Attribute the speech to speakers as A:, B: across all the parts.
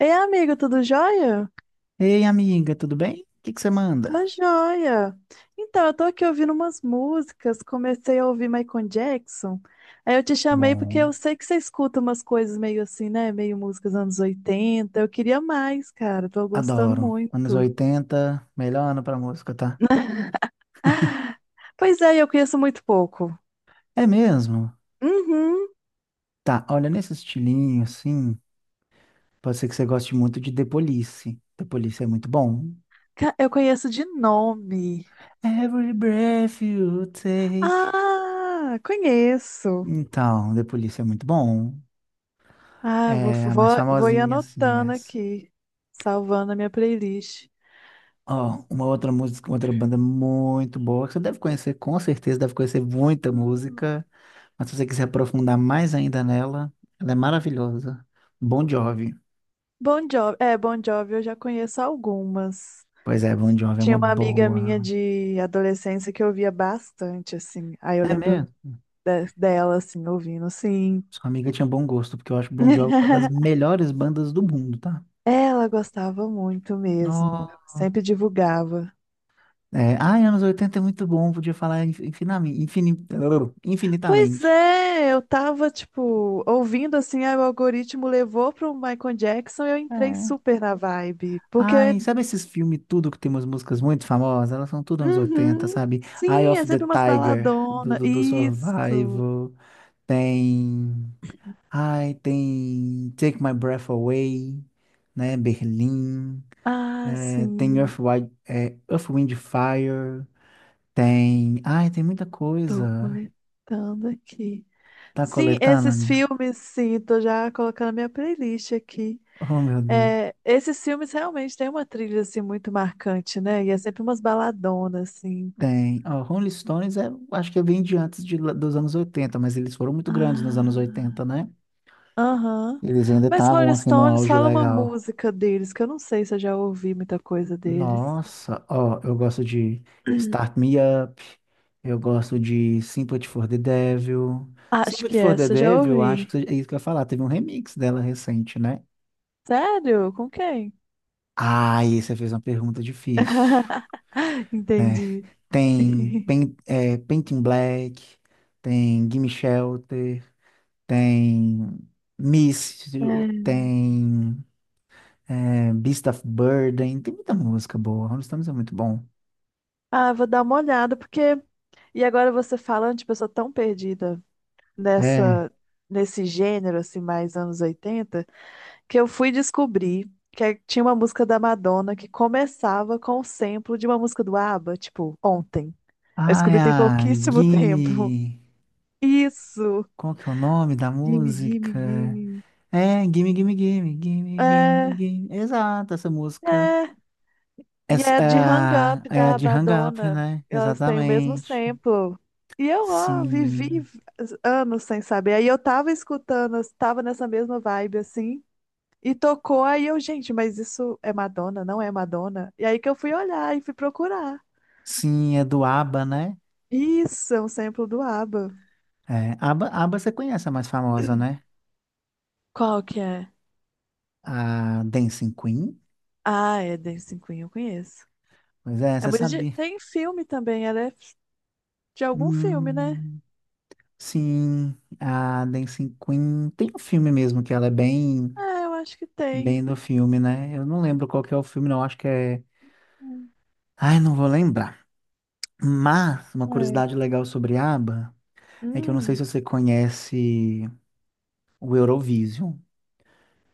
A: Ei, amigo, tudo jóia?
B: Ei, amiga, tudo bem? O que que você
A: Tô
B: manda?
A: jóia. Então, eu tô aqui ouvindo umas músicas, comecei a ouvir Michael Jackson. Aí eu te chamei porque
B: Bom,
A: eu sei que você escuta umas coisas meio assim, né? Meio músicas anos 80. Eu queria mais, cara. Tô gostando
B: adoro. Anos
A: muito.
B: 80, melhor ano pra música, tá?
A: Pois é, eu conheço muito pouco.
B: É mesmo?
A: Uhum.
B: Tá, olha, nesse estilinho, assim, pode ser que você goste muito de The Police. The Police é muito bom.
A: Eu conheço de nome.
B: Every breath you take.
A: Ah, conheço.
B: Então, The Police é muito bom.
A: Ah, vou,
B: É a mais
A: vou, vou ir
B: famosinha, assim, é
A: anotando
B: essa.
A: aqui, salvando a minha playlist.
B: Ó, uma outra música, uma outra banda muito boa, que você deve conhecer, com certeza deve conhecer muita música. Mas se você quiser aprofundar mais ainda nela, ela é maravilhosa. Bon Jovi.
A: Bon Jovi, é, Bon Jovi eu já conheço algumas.
B: Pois é, Bon Jovi é
A: Tinha
B: uma
A: uma amiga
B: boa.
A: minha de adolescência que eu ouvia bastante, assim. Aí eu
B: É
A: lembro
B: mesmo?
A: dela, assim, ouvindo, sim.
B: Sua amiga tinha bom gosto, porque eu acho Bon Jovi uma das melhores bandas do mundo, tá?
A: Ela gostava muito mesmo,
B: Nossa.
A: ela sempre divulgava.
B: É, ai, anos 80 é muito bom, podia falar infinitamente,
A: Pois
B: infinitamente.
A: é, eu tava, tipo, ouvindo, assim, aí o algoritmo levou pro Michael Jackson e eu entrei
B: É.
A: super na vibe. Porque,
B: Ai, sabe esses filmes tudo que tem umas músicas muito famosas? Elas são tudo anos 80,
A: uhum,
B: sabe? Eye
A: sim, é
B: of the
A: sempre umas
B: Tiger, do,
A: baladonas,
B: do, do
A: isso.
B: Survival. Tem. Ai, tem Take My Breath Away, né? Berlim,
A: Ah,
B: é, tem
A: sim.
B: Earth, Earth, Wind and Fire, tem. Ai, tem muita
A: Tô
B: coisa.
A: coletando aqui.
B: Tá
A: Sim,
B: coletando,
A: esses
B: amigo?
A: filmes, sim, tô já colocando na minha playlist aqui.
B: Oh, meu Deus.
A: É, esses filmes realmente têm uma trilha assim muito marcante, né? E é sempre umas baladonas, assim.
B: Tem. Ó, Rolling Stones, acho que vem de antes dos anos oitenta, mas eles foram muito grandes nos anos
A: Ah,
B: oitenta, né?
A: aham.
B: Eles ainda
A: Mas
B: estavam,
A: Rolling
B: assim, num
A: Stones
B: auge
A: fala uma
B: legal.
A: música deles, que eu não sei se eu já ouvi muita coisa deles.
B: Nossa, ó, eu gosto de Start Me Up, eu gosto de Sympathy for the Devil.
A: Acho
B: Sympathy
A: que
B: for the
A: essa eu já
B: Devil, eu acho
A: ouvi.
B: que é isso que eu ia falar, teve um remix dela recente, né?
A: Sério? Com quem?
B: Ah, e você fez uma pergunta difícil, né?
A: Entendi.
B: Tem Painting Black, tem Gimme Shelter, tem Miss,
A: É.
B: tem Beast of Burden, tem muita música boa, Rolling Stones é muito bom.
A: Ah, vou dar uma olhada, porque. E agora você falando, tipo, eu sou tão perdida
B: É.
A: nessa, nesse gênero, assim, mais anos 80, que eu fui descobrir tinha uma música da Madonna que começava com o sample de uma música do ABBA, tipo, ontem. Eu
B: Ah, é
A: descobri tem
B: a
A: pouquíssimo tempo.
B: Gimme.
A: Isso!
B: Qual que é o nome da
A: Gimme, gimme,
B: música?
A: gimme.
B: É, Gimme, Gimme, Gimme, Gimme, Gimme,
A: É,
B: Gimme. Exato, essa música.
A: é. E
B: Essa,
A: é de Hang Up
B: é a
A: da
B: de Hang Up,
A: Madonna.
B: né?
A: Elas têm o mesmo
B: Exatamente.
A: sample. E eu, ó, vivi
B: Sim.
A: anos sem saber. Aí eu tava escutando, eu tava nessa mesma vibe, assim. E tocou, aí eu, gente, mas isso é Madonna, não é Madonna? E aí que eu fui olhar e fui procurar.
B: Sim, é do ABBA, né?
A: Isso, é um sample do ABBA.
B: É, ABBA, ABBA você conhece a mais famosa, né?
A: Qual que é?
B: A Dancing Queen.
A: Ah, é Dancing Queen, eu conheço.
B: Pois é,
A: É
B: você
A: muito de...
B: sabia.
A: Tem filme também, ela é de algum filme, né?
B: Hum, sim, a Dancing Queen. Tem um filme mesmo que ela é bem.
A: Ah, eu acho que tem.
B: bem do filme, né? Eu não lembro qual que é o filme, não. Acho que é.
A: Hum,
B: Ai, não vou lembrar. Mas uma
A: É.
B: curiosidade legal sobre ABBA é que eu não sei
A: Hum.
B: se você conhece o Eurovision,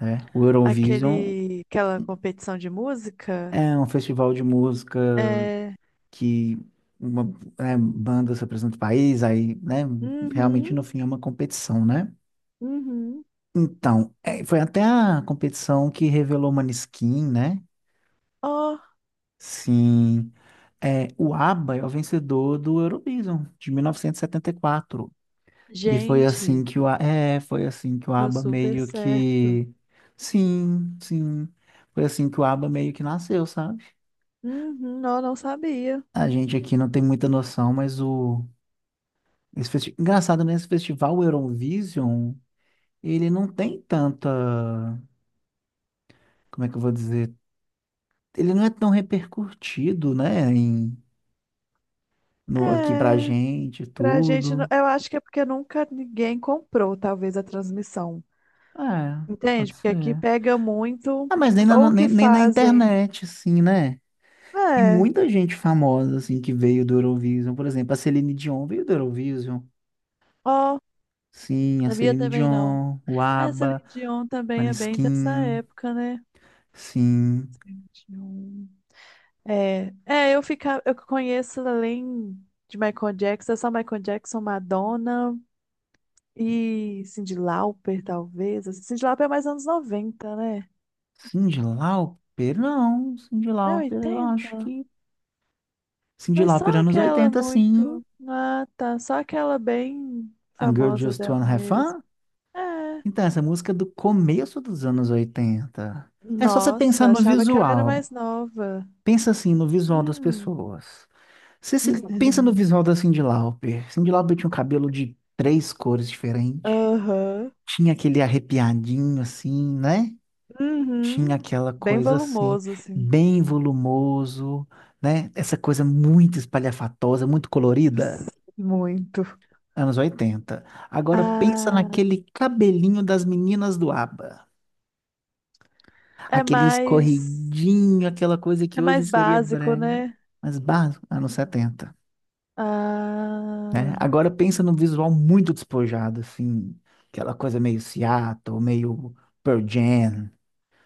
B: né? O Eurovision
A: Aquele, aquela competição de música?
B: é um festival de música
A: É.
B: que uma, né, bandas representam o país, aí, né? Realmente
A: Uhum,
B: no fim é uma competição, né?
A: uhum.
B: Então, foi até a competição que revelou Maneskin, né?
A: Oh,
B: Sim. É, o ABBA é o vencedor do Eurovision de 1974. E 74. E foi
A: gente,
B: assim que o foi assim que o
A: deu
B: ABBA
A: super
B: meio
A: certo.
B: que sim, sim. Foi assim que o ABBA meio que nasceu, sabe?
A: Uhum, eu não sabia.
B: A gente aqui não tem muita noção, mas engraçado nesse festival Eurovision, ele não tem tanta, como é que eu vou dizer? Ele não é tão repercutido, né, no aqui pra
A: É,
B: gente e
A: pra gente, não-
B: tudo.
A: eu acho que é porque nunca ninguém comprou, talvez, a transmissão.
B: É, pode
A: Entende? Porque aqui
B: ser.
A: pega muito,
B: Ah, mas nem na,
A: ou
B: nem,
A: que
B: nem na
A: fazem.
B: internet, assim, né? Tem
A: É,
B: muita gente famosa, assim, que veio do Eurovision. Por exemplo, a Celine Dion veio do Eurovision.
A: ó,
B: Sim, a
A: sabia
B: Celine
A: também não.
B: Dion, o
A: Essa
B: ABBA,
A: Celine Dion também é bem dessa
B: Maneskin,
A: época, né?
B: sim.
A: Celine Dion. É, é, eu fica, eu conheço além de Michael Jackson, é só Michael Jackson, Madonna e Cyndi Lauper, talvez. Assim, Cyndi Lauper é mais anos noventa, né?
B: Cyndi Lauper, não. Cyndi
A: É
B: Lauper, eu acho
A: oitenta.
B: que... Cyndi
A: Mas
B: Lauper,
A: só
B: anos
A: aquela
B: 80, sim.
A: muito. Ah, tá. Só aquela bem
B: A Girl
A: famosa
B: Just
A: dela
B: Wanna Have
A: mesmo.
B: Fun.
A: É.
B: Então, essa música é do começo dos anos 80. É só você pensar
A: Nossa,
B: no
A: achava que ela era
B: visual.
A: mais nova.
B: Pensa, assim, no visual das
A: Hum.
B: pessoas. Você pensa no visual da Cyndi Lauper. Cyndi Lauper tinha um cabelo de três cores diferentes.
A: Aham.
B: Tinha aquele arrepiadinho, assim, né? Tinha
A: Uhum.
B: aquela
A: Bem
B: coisa assim,
A: volumoso, assim.
B: bem volumoso, né? Essa coisa muito espalhafatosa, muito colorida.
A: Muito.
B: Anos 80. Agora pensa
A: Ah.
B: naquele cabelinho das meninas do ABBA.
A: É
B: Aquele
A: mais,
B: escorridinho, aquela coisa que
A: é
B: hoje
A: mais
B: seria
A: básico,
B: brega.
A: né?
B: Mas barro, anos setenta, né?
A: Ah,
B: Agora pensa num visual muito despojado, assim, aquela coisa meio Seattle, meio Pearl Jam,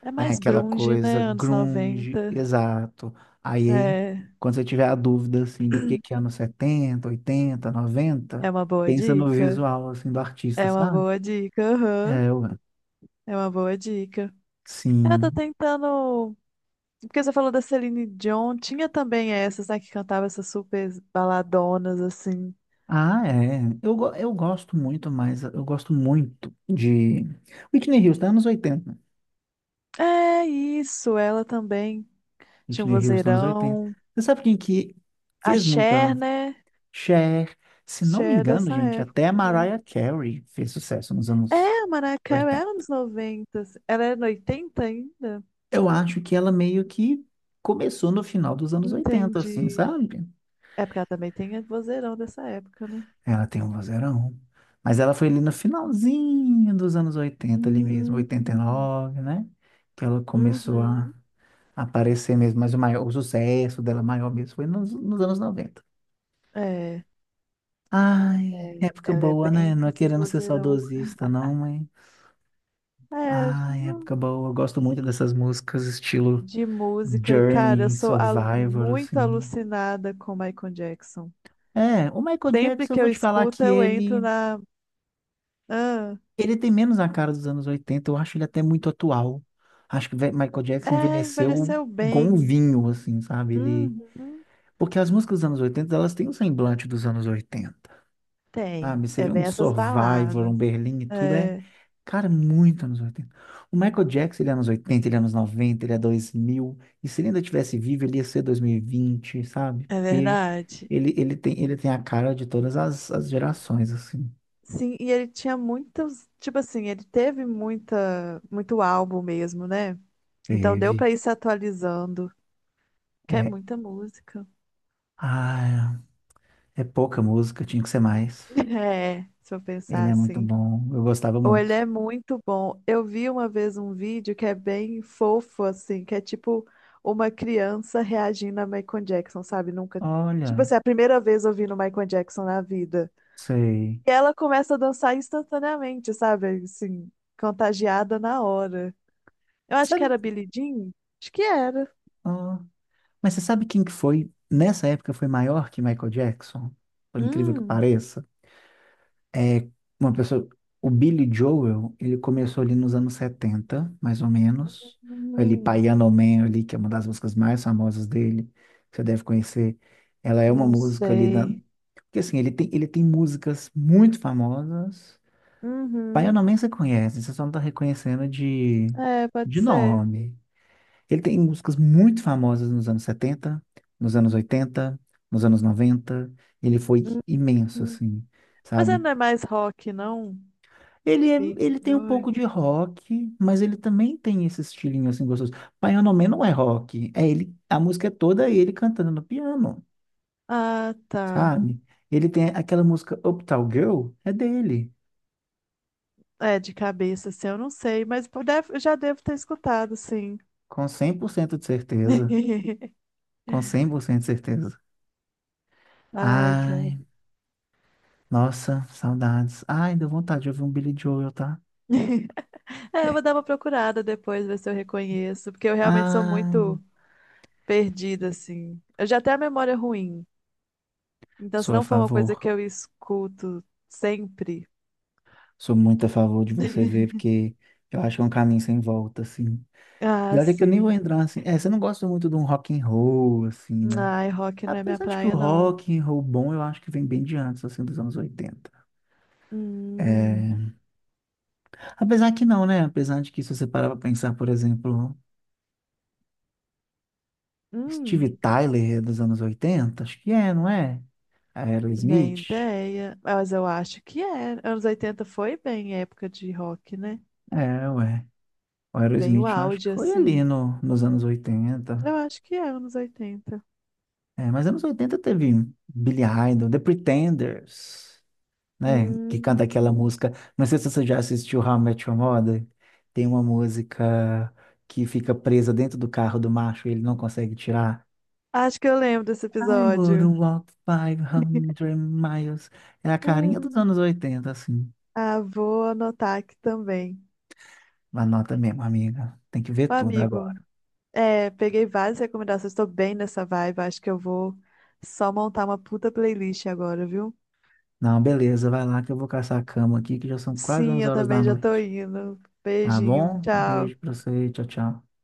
A: é
B: né?
A: mais
B: Aquela
A: grunge,
B: coisa
A: né? Anos
B: grunge,
A: 90.
B: exato. Aí,
A: É,
B: quando você tiver a dúvida, assim, do que é anos setenta, oitenta, noventa,
A: é uma boa
B: pensa no
A: dica.
B: visual, assim, do artista,
A: É uma
B: sabe?
A: boa dica, aham.
B: É, eu
A: É uma boa dica. Eu tô
B: sim.
A: tentando. Porque você falou da Celine Dion, tinha também essas, né, que cantava essas super baladonas, assim.
B: Ah, é. Eu gosto muito, mas eu gosto muito de Whitney Houston, anos oitenta.
A: É isso, ela também tinha um
B: Whitney Houston, anos oitenta.
A: vozeirão.
B: Você sabe quem que
A: A
B: fez
A: Cher,
B: muita
A: né?
B: Cher. Se não me
A: Cher
B: engano,
A: dessa
B: gente,
A: época
B: até a
A: também.
B: Mariah Carey fez sucesso nos
A: É,
B: anos
A: a Mariah Carey era
B: 80.
A: nos 90, assim. Ela era no oitenta ainda?
B: Eu acho que ela meio que começou no final dos anos 80, assim,
A: Entendi.
B: sabe?
A: É porque ela também tem a vozeirão dessa época, né?
B: Ela tem um vozeirão. Mas ela foi ali no finalzinho dos anos oitenta, ali mesmo, oitenta e
A: Hum,
B: nove, né? Que ela começou
A: uhum.
B: a aparecer mesmo. Mas o maior, o sucesso dela maior mesmo foi nos anos 90.
A: É,
B: Ai,
A: é.
B: época
A: Ela é
B: boa, né?
A: bem
B: Não
A: com
B: é
A: esses
B: querendo ser
A: vozeirão.
B: saudosista, não, mas
A: É,
B: É
A: não-
B: época boa. Eu gosto muito dessas músicas estilo
A: de música. Cara, eu
B: Journey,
A: sou
B: Survivor,
A: muito
B: assim.
A: alucinada com Michael Jackson.
B: É, o Michael
A: Sempre
B: Jackson, eu
A: que
B: vou
A: eu
B: te falar
A: escuto,
B: que
A: eu entro
B: ele,
A: na. Ah,
B: ele tem menos a cara dos anos 80. Eu acho ele até muito atual. Acho que Michael Jackson
A: é,
B: envelheceu
A: envelheceu
B: igual um
A: bem.
B: vinho, assim, sabe?
A: Uhum.
B: Porque as músicas dos anos 80, elas têm um semblante dos anos 80.
A: Tem.
B: Sabe? Você
A: É,
B: vê um
A: vem essas
B: Survivor,
A: baladas.
B: um Berlim e tudo
A: É.
B: cara, é muito anos 80. O Michael Jackson, ele é anos 80, ele é anos 90, ele é 2000. E se ele ainda tivesse vivo, ele ia ser 2020, sabe?
A: É
B: Porque
A: verdade.
B: ele tem a cara de todas as gerações, assim.
A: Sim, e ele tinha muitos, tipo assim, ele teve muita, muito álbum mesmo, né? Então deu
B: Teve.
A: pra ir se atualizando, que é
B: É,
A: muita música.
B: ah, é pouca música, tinha que ser mais.
A: É, se eu pensar
B: Ele é muito
A: assim.
B: bom, eu gostava
A: Ou ele
B: muito.
A: é muito bom. Eu vi uma vez um vídeo que é bem fofo, assim, que é tipo uma criança reagindo a Michael Jackson, sabe? Nunca. Tipo
B: Olha,
A: assim, é a primeira vez ouvindo Michael Jackson na vida.
B: sei.
A: E ela começa a dançar instantaneamente, sabe? Assim, contagiada na hora. Eu acho que
B: Sabe?
A: era Billie Jean. Acho que era.
B: Mas você sabe quem que foi, nessa época, foi maior que Michael Jackson? Por incrível que
A: Hum,
B: pareça. É uma pessoa... O Billy Joel, ele começou ali nos anos 70, mais ou menos. Ali,
A: Hum,
B: Piano Man, ali, que é uma das músicas mais famosas dele, que você deve conhecer. Ela é uma
A: não
B: música ali da...
A: sei.
B: Porque, assim, ele tem músicas muito famosas.
A: Uhum.
B: Piano Man você conhece, você só não tá reconhecendo
A: É, pode
B: de
A: ser.
B: nome. Ele tem músicas muito famosas nos anos 70, nos anos 80, nos anos 90. Ele foi imenso,
A: Uhum.
B: assim,
A: Mas ela
B: sabe?
A: não é mais rock, não?
B: Ele, é,
A: Billie
B: ele tem um
A: Joy.
B: pouco de rock, mas ele também tem esse estilinho, assim, gostoso. Piano Man não é rock, é ele, a música é toda ele cantando no piano,
A: Ah, tá.
B: sabe? Ele tem aquela música Uptown Girl, é dele,
A: É, de cabeça, assim, eu não sei, mas eu eu já devo ter escutado, sim.
B: com 100% de certeza, com 100% de certeza.
A: Ai, cara.
B: Ai, nossa, saudades. Ai, deu vontade de ouvir um Billy Joel, tá?
A: É, eu vou dar uma procurada depois, ver se eu reconheço, porque eu realmente sou
B: Ah,
A: muito perdida, assim. Eu já tenho a memória ruim. Então, se
B: sou a
A: não for uma coisa que
B: favor.
A: eu escuto sempre.
B: Sou muito a favor de você ver, porque eu acho que é um caminho sem volta, assim. E
A: Ah,
B: olha que eu nem vou
A: sim.
B: entrar assim. É, você não gosta muito de um rock and roll, assim, né?
A: Ai, rock não é minha
B: Apesar de que o
A: praia, não.
B: rock and roll bom, eu acho que vem bem de antes, assim, dos anos oitenta.
A: Hum,
B: É... Apesar que não, né? Apesar de que se você parar pra pensar, por exemplo, Steve
A: hum,
B: Tyler é dos anos oitenta, acho que é, não é?
A: nem
B: Aerosmith?
A: ideia. Ah, mas eu acho que é. Anos 80 foi bem época de rock, né?
B: É, ué. O
A: Bem o
B: Aerosmith eu acho
A: auge,
B: que foi
A: assim.
B: ali no, nos anos oitenta.
A: Eu acho que é anos oitenta.
B: É, mas anos 80 teve Billy Idol, The Pretenders, né? Que canta aquela
A: Hum,
B: música. Não sei se você já assistiu How I Met Your Mother. Tem uma música que fica presa dentro do carro do macho e ele não consegue tirar.
A: acho que eu lembro desse
B: I would
A: episódio.
B: walk five hundred miles. É a carinha dos anos 80, assim.
A: Ah, vou anotar aqui também.
B: Anota mesmo, amiga. Tem que ver
A: Ô,
B: tudo
A: amigo,
B: agora.
A: é, peguei várias recomendações, tô bem nessa vibe, acho que eu vou só montar uma puta playlist agora, viu?
B: Não, beleza, vai lá que eu vou caçar a cama aqui, que já são quase
A: Sim,
B: 11
A: eu
B: horas da
A: também já tô
B: noite.
A: indo.
B: Tá
A: Beijinho,
B: bom? Um
A: tchau.
B: beijo pra você, tchau, tchau.